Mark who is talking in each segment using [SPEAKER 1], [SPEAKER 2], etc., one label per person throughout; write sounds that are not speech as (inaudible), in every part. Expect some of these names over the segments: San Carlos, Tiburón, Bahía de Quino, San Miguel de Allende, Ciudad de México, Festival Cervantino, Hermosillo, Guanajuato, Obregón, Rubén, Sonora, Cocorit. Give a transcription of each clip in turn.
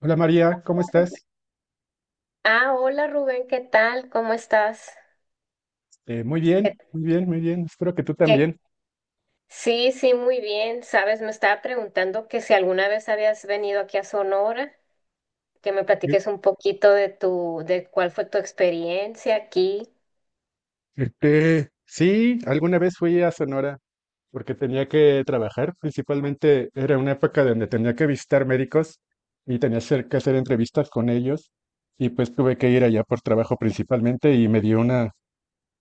[SPEAKER 1] Hola María, ¿cómo estás?
[SPEAKER 2] Ah, hola Rubén, ¿qué tal? ¿Cómo estás?
[SPEAKER 1] Muy
[SPEAKER 2] ¿Qué-
[SPEAKER 1] bien, muy bien, muy bien. Espero que tú
[SPEAKER 2] qué-
[SPEAKER 1] también.
[SPEAKER 2] Sí, sí, muy bien. Sabes, me estaba preguntando que si alguna vez habías venido aquí a Sonora, que me
[SPEAKER 1] Eh,
[SPEAKER 2] platiques un poquito de cuál fue tu experiencia aquí.
[SPEAKER 1] Este, sí, alguna vez fui a Sonora porque tenía que trabajar. Principalmente era una época donde tenía que visitar médicos y tenía que hacer entrevistas con ellos. Y pues tuve que ir allá por trabajo principalmente y me dio una,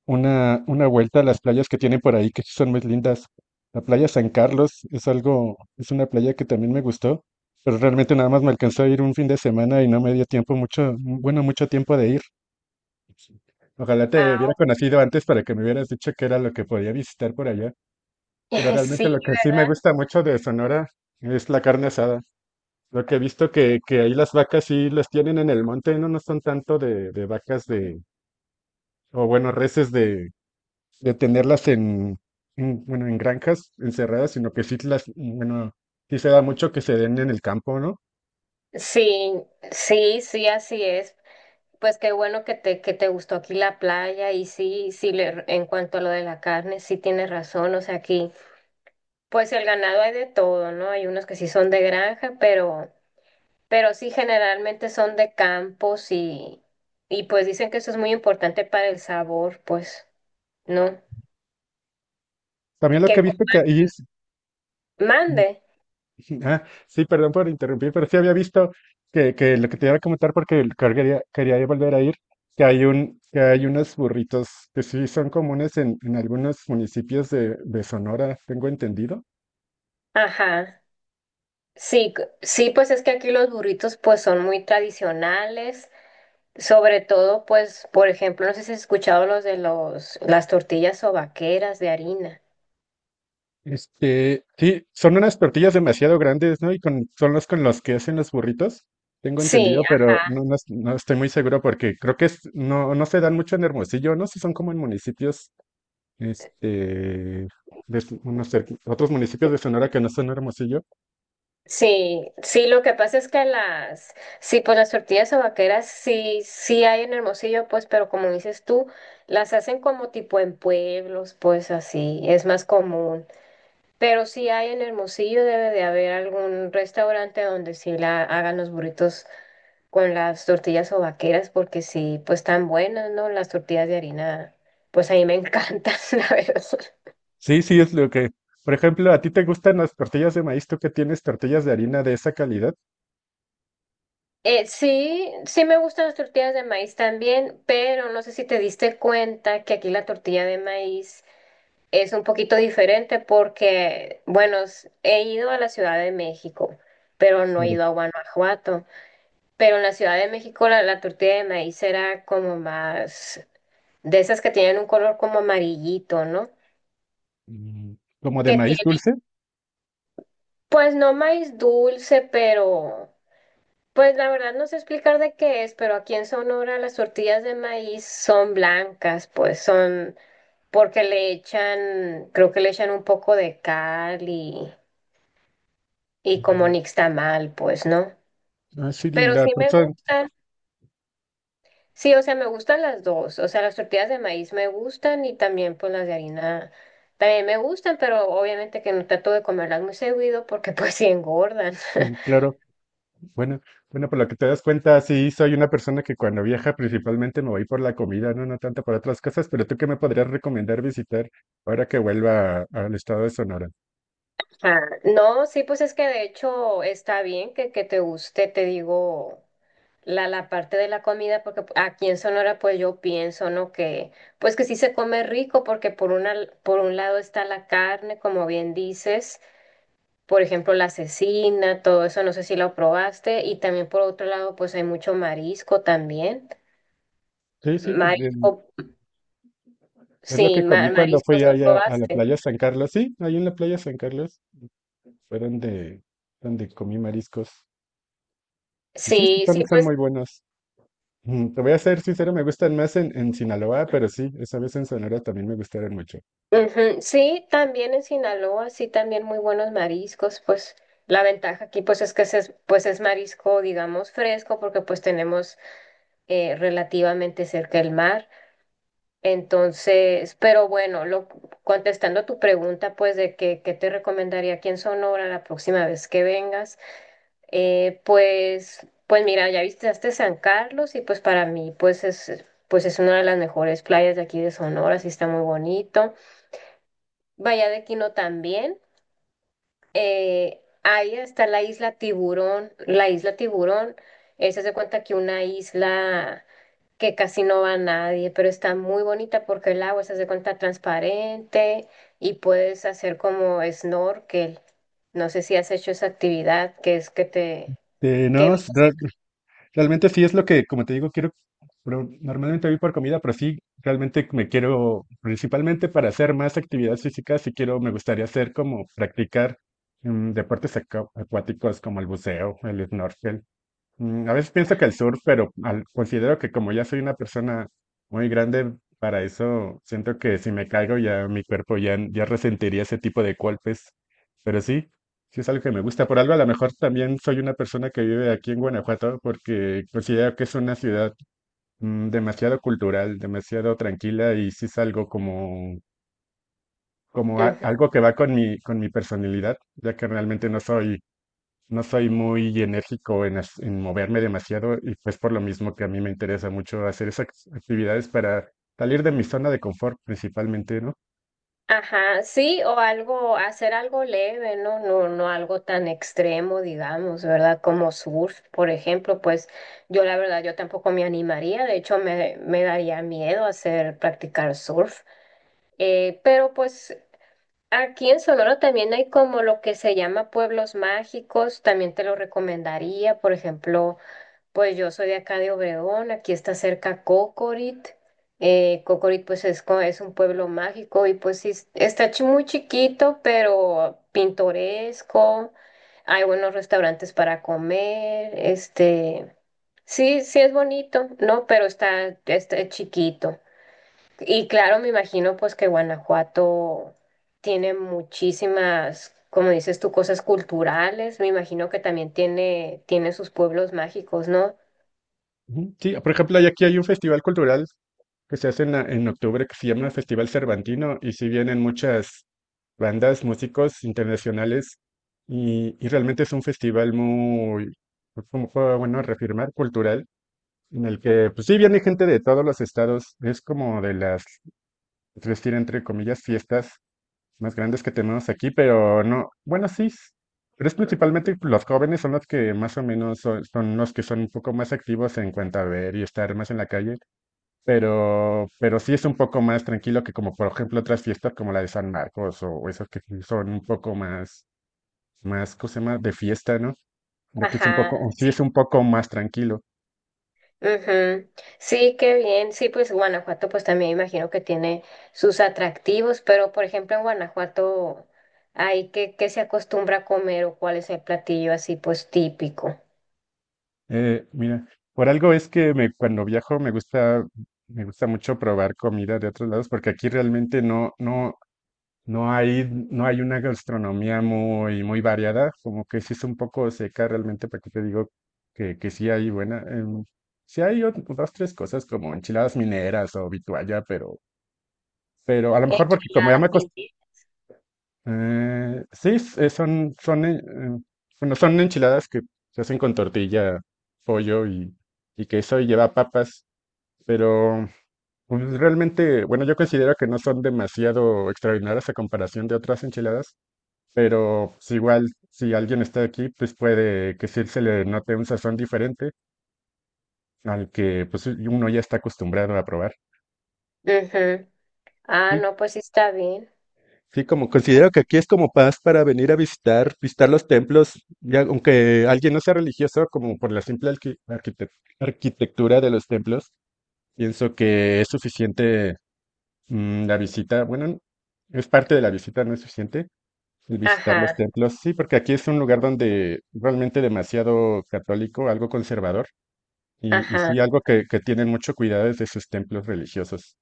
[SPEAKER 1] una, una vuelta a las playas que tienen por ahí, que sí son muy lindas. La playa San Carlos es algo, es una playa que también me gustó, pero realmente nada más me alcanzó a ir un fin de semana y no me dio tiempo mucho, bueno, mucho tiempo de ir. Ojalá te
[SPEAKER 2] Ah,
[SPEAKER 1] hubiera conocido antes para que me hubieras dicho qué era lo que podía visitar por allá. Pero
[SPEAKER 2] (laughs) sí,
[SPEAKER 1] realmente lo que sí me gusta mucho de Sonora es la carne asada. Lo que he visto que ahí las vacas sí las tienen en el monte, no, no son tanto de, vacas de, o bueno, reses de tenerlas bueno, en granjas encerradas, sino que sí las, bueno, sí se da mucho que se den en el campo, ¿no?
[SPEAKER 2] sí, sí, sí, así es. Pues qué bueno que que te gustó aquí la playa y sí, sí, en cuanto a lo de la carne, sí tienes razón, o sea, aquí, pues el ganado hay de todo, ¿no? Hay unos que sí son de granja, pero... Pero sí, generalmente son de campos y pues dicen que eso es muy importante para el sabor, pues, ¿no?
[SPEAKER 1] También lo
[SPEAKER 2] Que
[SPEAKER 1] que he
[SPEAKER 2] co-
[SPEAKER 1] visto que ahí, (laughs)
[SPEAKER 2] Mande.
[SPEAKER 1] ah, sí, perdón por interrumpir, pero sí había visto que lo que te iba a comentar porque que quería volver a ir, que hay unos burritos que sí son comunes en, algunos municipios de, Sonora, tengo entendido.
[SPEAKER 2] Ajá. Sí, sí, pues es que aquí los burritos pues son muy tradicionales, sobre todo pues, por ejemplo, no sé si has escuchado los de las tortillas sobaqueras de harina.
[SPEAKER 1] Este, sí, son unas tortillas demasiado grandes, ¿no? Son los con los que hacen los burritos, tengo
[SPEAKER 2] Sí.
[SPEAKER 1] entendido, pero no, no, no estoy muy seguro porque creo que no, no se dan mucho en Hermosillo, no sé si son como en municipios, este, de s- unos cerqui- otros municipios de Sonora que no son Hermosillo.
[SPEAKER 2] Sí, sí, lo que pasa es que sí, pues las tortillas vaqueras sí, sí hay en Hermosillo, pues, pero como dices tú, las hacen como tipo en pueblos, pues así, es más común. Pero sí hay en Hermosillo, debe de haber algún restaurante donde sí la hagan los burritos con las tortillas vaqueras, porque sí, pues están buenas, ¿no? Las tortillas de harina, pues a mí me encantan, (laughs) la verdad.
[SPEAKER 1] Sí, sí, es lo que, por ejemplo, ¿a ti te gustan las tortillas de maíz? ¿Tú que tienes tortillas de harina de esa calidad?
[SPEAKER 2] Sí, sí me gustan las tortillas de maíz también, pero no sé si te diste cuenta que aquí la tortilla de maíz es un poquito diferente porque, bueno, he ido a la Ciudad de México, pero no he
[SPEAKER 1] Claro.
[SPEAKER 2] ido a Guanajuato. Pero en la Ciudad de México la tortilla de maíz era como más de esas que tienen un color como amarillito, ¿no?
[SPEAKER 1] Mm, ¿Como de
[SPEAKER 2] Que
[SPEAKER 1] maíz
[SPEAKER 2] tiene,
[SPEAKER 1] dulce?
[SPEAKER 2] pues no maíz dulce, pero... Pues la verdad no sé explicar de qué es, pero aquí en Sonora las tortillas de maíz son blancas, pues son porque le echan, creo que le echan un poco de cal y como
[SPEAKER 1] Mm.
[SPEAKER 2] nixtamal, pues, ¿no?
[SPEAKER 1] Ah, sí,
[SPEAKER 2] Pero
[SPEAKER 1] la
[SPEAKER 2] sí me
[SPEAKER 1] persona,
[SPEAKER 2] gustan, sí, o sea, me gustan las dos, o sea, las tortillas de maíz me gustan y también pues las de harina también me gustan, pero obviamente que no trato de comerlas muy seguido porque (laughs) pues sí engordan.
[SPEAKER 1] claro. Bueno, bueno, por lo que te das cuenta, sí, soy una persona que cuando viaja principalmente me voy por la comida, no, no tanto por otras cosas, pero ¿tú qué me podrías recomendar visitar ahora que vuelva al estado de Sonora?
[SPEAKER 2] Ah, no, sí, pues es que de hecho está bien que te guste, te digo, la parte de la comida, porque aquí en Sonora pues yo pienso, ¿no? Que pues que sí se come rico, porque por un lado está la carne, como bien dices, por ejemplo, la cecina, todo eso, no sé si lo probaste, y también por otro lado pues hay mucho marisco también.
[SPEAKER 1] Sí, sí, pues,
[SPEAKER 2] Marisco,
[SPEAKER 1] es lo
[SPEAKER 2] sí,
[SPEAKER 1] que comí cuando fui
[SPEAKER 2] mariscos no
[SPEAKER 1] allá a la
[SPEAKER 2] probaste.
[SPEAKER 1] playa San Carlos. Sí, ahí en la playa San Carlos fue donde, comí mariscos. Y sí, sí,
[SPEAKER 2] Sí, sí,
[SPEAKER 1] son
[SPEAKER 2] pues
[SPEAKER 1] muy buenos. Te voy a ser sincero, me gustan más en, Sinaloa, pero sí, esa vez en Sonora también me gustaron mucho.
[SPEAKER 2] ujú, sí, también en Sinaloa, sí, también muy buenos mariscos, pues la ventaja aquí pues es que es, pues es marisco, digamos, fresco, porque pues tenemos relativamente cerca el mar. Entonces, pero bueno, contestando tu pregunta, pues de que, qué te recomendaría aquí en Sonora la próxima vez que vengas, pues mira, ya visitaste San Carlos y pues para mí pues es una de las mejores playas de aquí de Sonora, sí está muy bonito. Bahía de Quino también. Ahí está la isla Tiburón. La isla Tiburón, esa se cuenta que una isla que casi no va nadie, pero está muy bonita porque el agua se hace cuenta transparente y puedes hacer como snorkel. No sé si has hecho esa actividad que es que te que
[SPEAKER 1] No, realmente sí es lo que, como te digo, quiero, pero normalmente voy por comida, pero sí, realmente me quiero, principalmente para hacer más actividades físicas, sí quiero, me gustaría hacer como practicar deportes acuáticos como el buceo, el snorkel. A veces pienso que el surf, pero considero que como ya soy una persona muy grande para eso, siento que si me caigo ya mi cuerpo ya, ya resentiría ese tipo de golpes. Pero sí, sí es algo que me gusta. Por algo a lo mejor también soy una persona que vive aquí en Guanajuato porque considero que es una ciudad demasiado cultural, demasiado tranquila y sí es algo como,
[SPEAKER 2] ves.
[SPEAKER 1] algo que va con mi personalidad, ya que realmente no soy muy enérgico en, en moverme demasiado y pues por lo mismo que a mí me interesa mucho hacer esas actividades para salir de mi zona de confort principalmente, ¿no?
[SPEAKER 2] Ajá, sí, o algo, hacer algo leve, ¿no? No, no algo tan extremo, digamos, ¿verdad? Como surf, por ejemplo, pues yo la verdad, yo tampoco me animaría, de hecho me, me daría miedo hacer practicar surf. Pero pues aquí en Sonora también hay como lo que se llama pueblos mágicos, también te lo recomendaría, por ejemplo. Pues yo soy de acá de Obregón, aquí está cerca Cocorit. Cocorit pues es un pueblo mágico y pues sí, está muy chiquito, pero pintoresco. Hay buenos restaurantes para comer, este, sí, sí es bonito, ¿no? Pero está, está chiquito. Y claro, me imagino pues que Guanajuato tiene muchísimas, como dices tú, cosas culturales. Me imagino que también tiene sus pueblos mágicos, ¿no?
[SPEAKER 1] Ujú. Sí, por ejemplo, aquí hay un festival cultural que se hace en octubre que se llama Festival Cervantino y si vienen muchas bandas, músicos internacionales y realmente es un festival muy, pues, como fue bueno reafirmar, cultural, en el que pues sí viene gente de todos los estados, es como de las, es decir, entre comillas, fiestas más grandes que tenemos aquí, pero no, bueno, sí, pero es principalmente los jóvenes son los que más o menos son, los que son un poco más activos en cuanto a ver y estar más en la calle, pero sí es un poco más tranquilo que como por ejemplo otras fiestas como la de San Marcos o esas que sí son un poco más, ¿cómo se llama? De fiesta, ¿no? De aquí es un
[SPEAKER 2] Ajá,
[SPEAKER 1] poco, o sí es un poco más tranquilo.
[SPEAKER 2] ujú. Sí, qué bien. Sí, pues Guanajuato, pues también imagino que tiene sus atractivos, pero por ejemplo en Guanajuato, hay qué se acostumbra a comer o cuál es el platillo así pues típico?
[SPEAKER 1] Mira, por algo es que me, cuando viajo me gusta mucho probar comida de otros lados porque aquí realmente no, no, No hay, no hay una gastronomía muy, muy variada, como que sí es un poco seca realmente, para que te digo que sí hay buena. Sí hay dos, tres cosas como enchiladas mineras o vitualla, pero, a lo mejor porque como ya me
[SPEAKER 2] Enchiladas, mintis.
[SPEAKER 1] sí, em, bueno, son enchiladas que se hacen con tortilla, pollo y queso y lleva papas, pero pues, realmente, bueno, yo considero que no son demasiado extraordinarias a comparación de otras enchiladas pero pues, igual si alguien está aquí, pues puede que sí se le note un sazón diferente al que pues uno ya está acostumbrado a probar.
[SPEAKER 2] Ujú. Ah,
[SPEAKER 1] Sí,
[SPEAKER 2] no, pues sí está bien.
[SPEAKER 1] sí, como considero que aquí es como paz para venir a visitar, visitar los templos, ya aunque alguien no sea religioso, como por la simple arquitectura de los templos, pienso que es suficiente la visita. Bueno, es parte de la visita, no es suficiente. El visitar los
[SPEAKER 2] Ajá,
[SPEAKER 1] templos, sí, porque aquí es un lugar donde realmente demasiado católico, algo conservador. Y
[SPEAKER 2] ajá.
[SPEAKER 1] sí, algo que tienen mucho cuidado es de sus templos religiosos.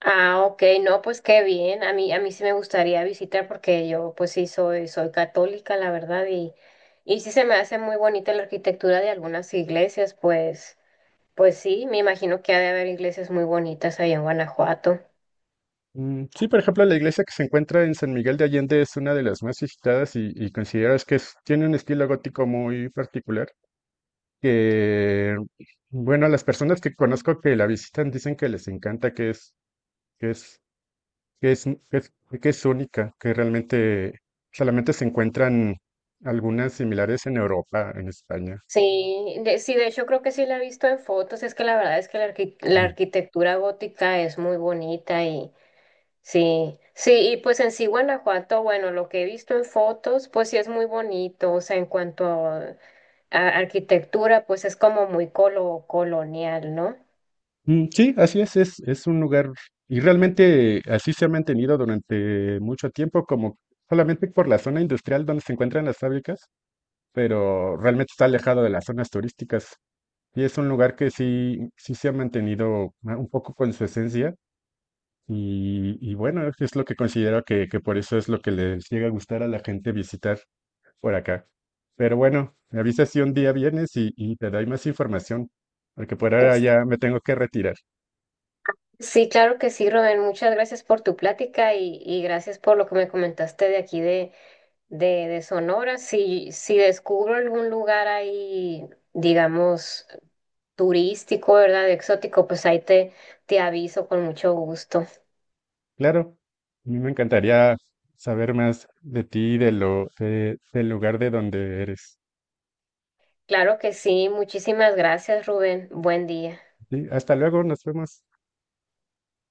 [SPEAKER 2] Ah, ok, no, pues qué bien. A mí sí me gustaría visitar porque yo, pues sí, soy, soy católica, la verdad, y sí se me hace muy bonita la arquitectura de algunas iglesias, pues. Pues sí, me imagino que ha de haber iglesias muy bonitas ahí en Guanajuato.
[SPEAKER 1] Sí, por ejemplo, la iglesia que se encuentra en San Miguel de Allende es una de las más visitadas y consideras que tiene un estilo gótico muy particular. Que, bueno, las personas que conozco que la visitan dicen que les encanta, que es, que es, que es, que es, que es única, que realmente solamente se encuentran algunas similares en Europa, en España.
[SPEAKER 2] Sí, sí, de hecho creo que sí la he visto en fotos, es que la verdad es que la arquitectura gótica es muy bonita y sí, sí, y pues en sí Guanajuato, bueno, lo que he visto en fotos, pues sí es muy bonito, o sea, en cuanto a arquitectura, pues es como muy colonial, ¿no?
[SPEAKER 1] Sí, así es, un lugar y realmente así se ha mantenido durante mucho tiempo, como solamente por la zona industrial donde se encuentran las fábricas, pero realmente está alejado de las zonas turísticas. Y es un lugar que sí, sí se ha mantenido un poco con su esencia y bueno, es lo que considero que por eso es lo que les llega a gustar a la gente visitar por acá. Pero bueno, me avisas si un día vienes y te doy más información, porque por ahora
[SPEAKER 2] Es-
[SPEAKER 1] ya me tengo que retirar.
[SPEAKER 2] Sí, claro que sí, Rubén, muchas gracias por tu plática y gracias por lo que me comentaste de aquí de Sonora. Si, si descubro algún lugar ahí, digamos, turístico, ¿verdad? De exótico, pues ahí te, te aviso con mucho gusto.
[SPEAKER 1] Claro, a mí me encantaría saber más de ti, de lo, del lugar de donde eres.
[SPEAKER 2] Claro que sí, muchísimas gracias, Rubén. Buen día.
[SPEAKER 1] Sí, hasta luego, nos vemos.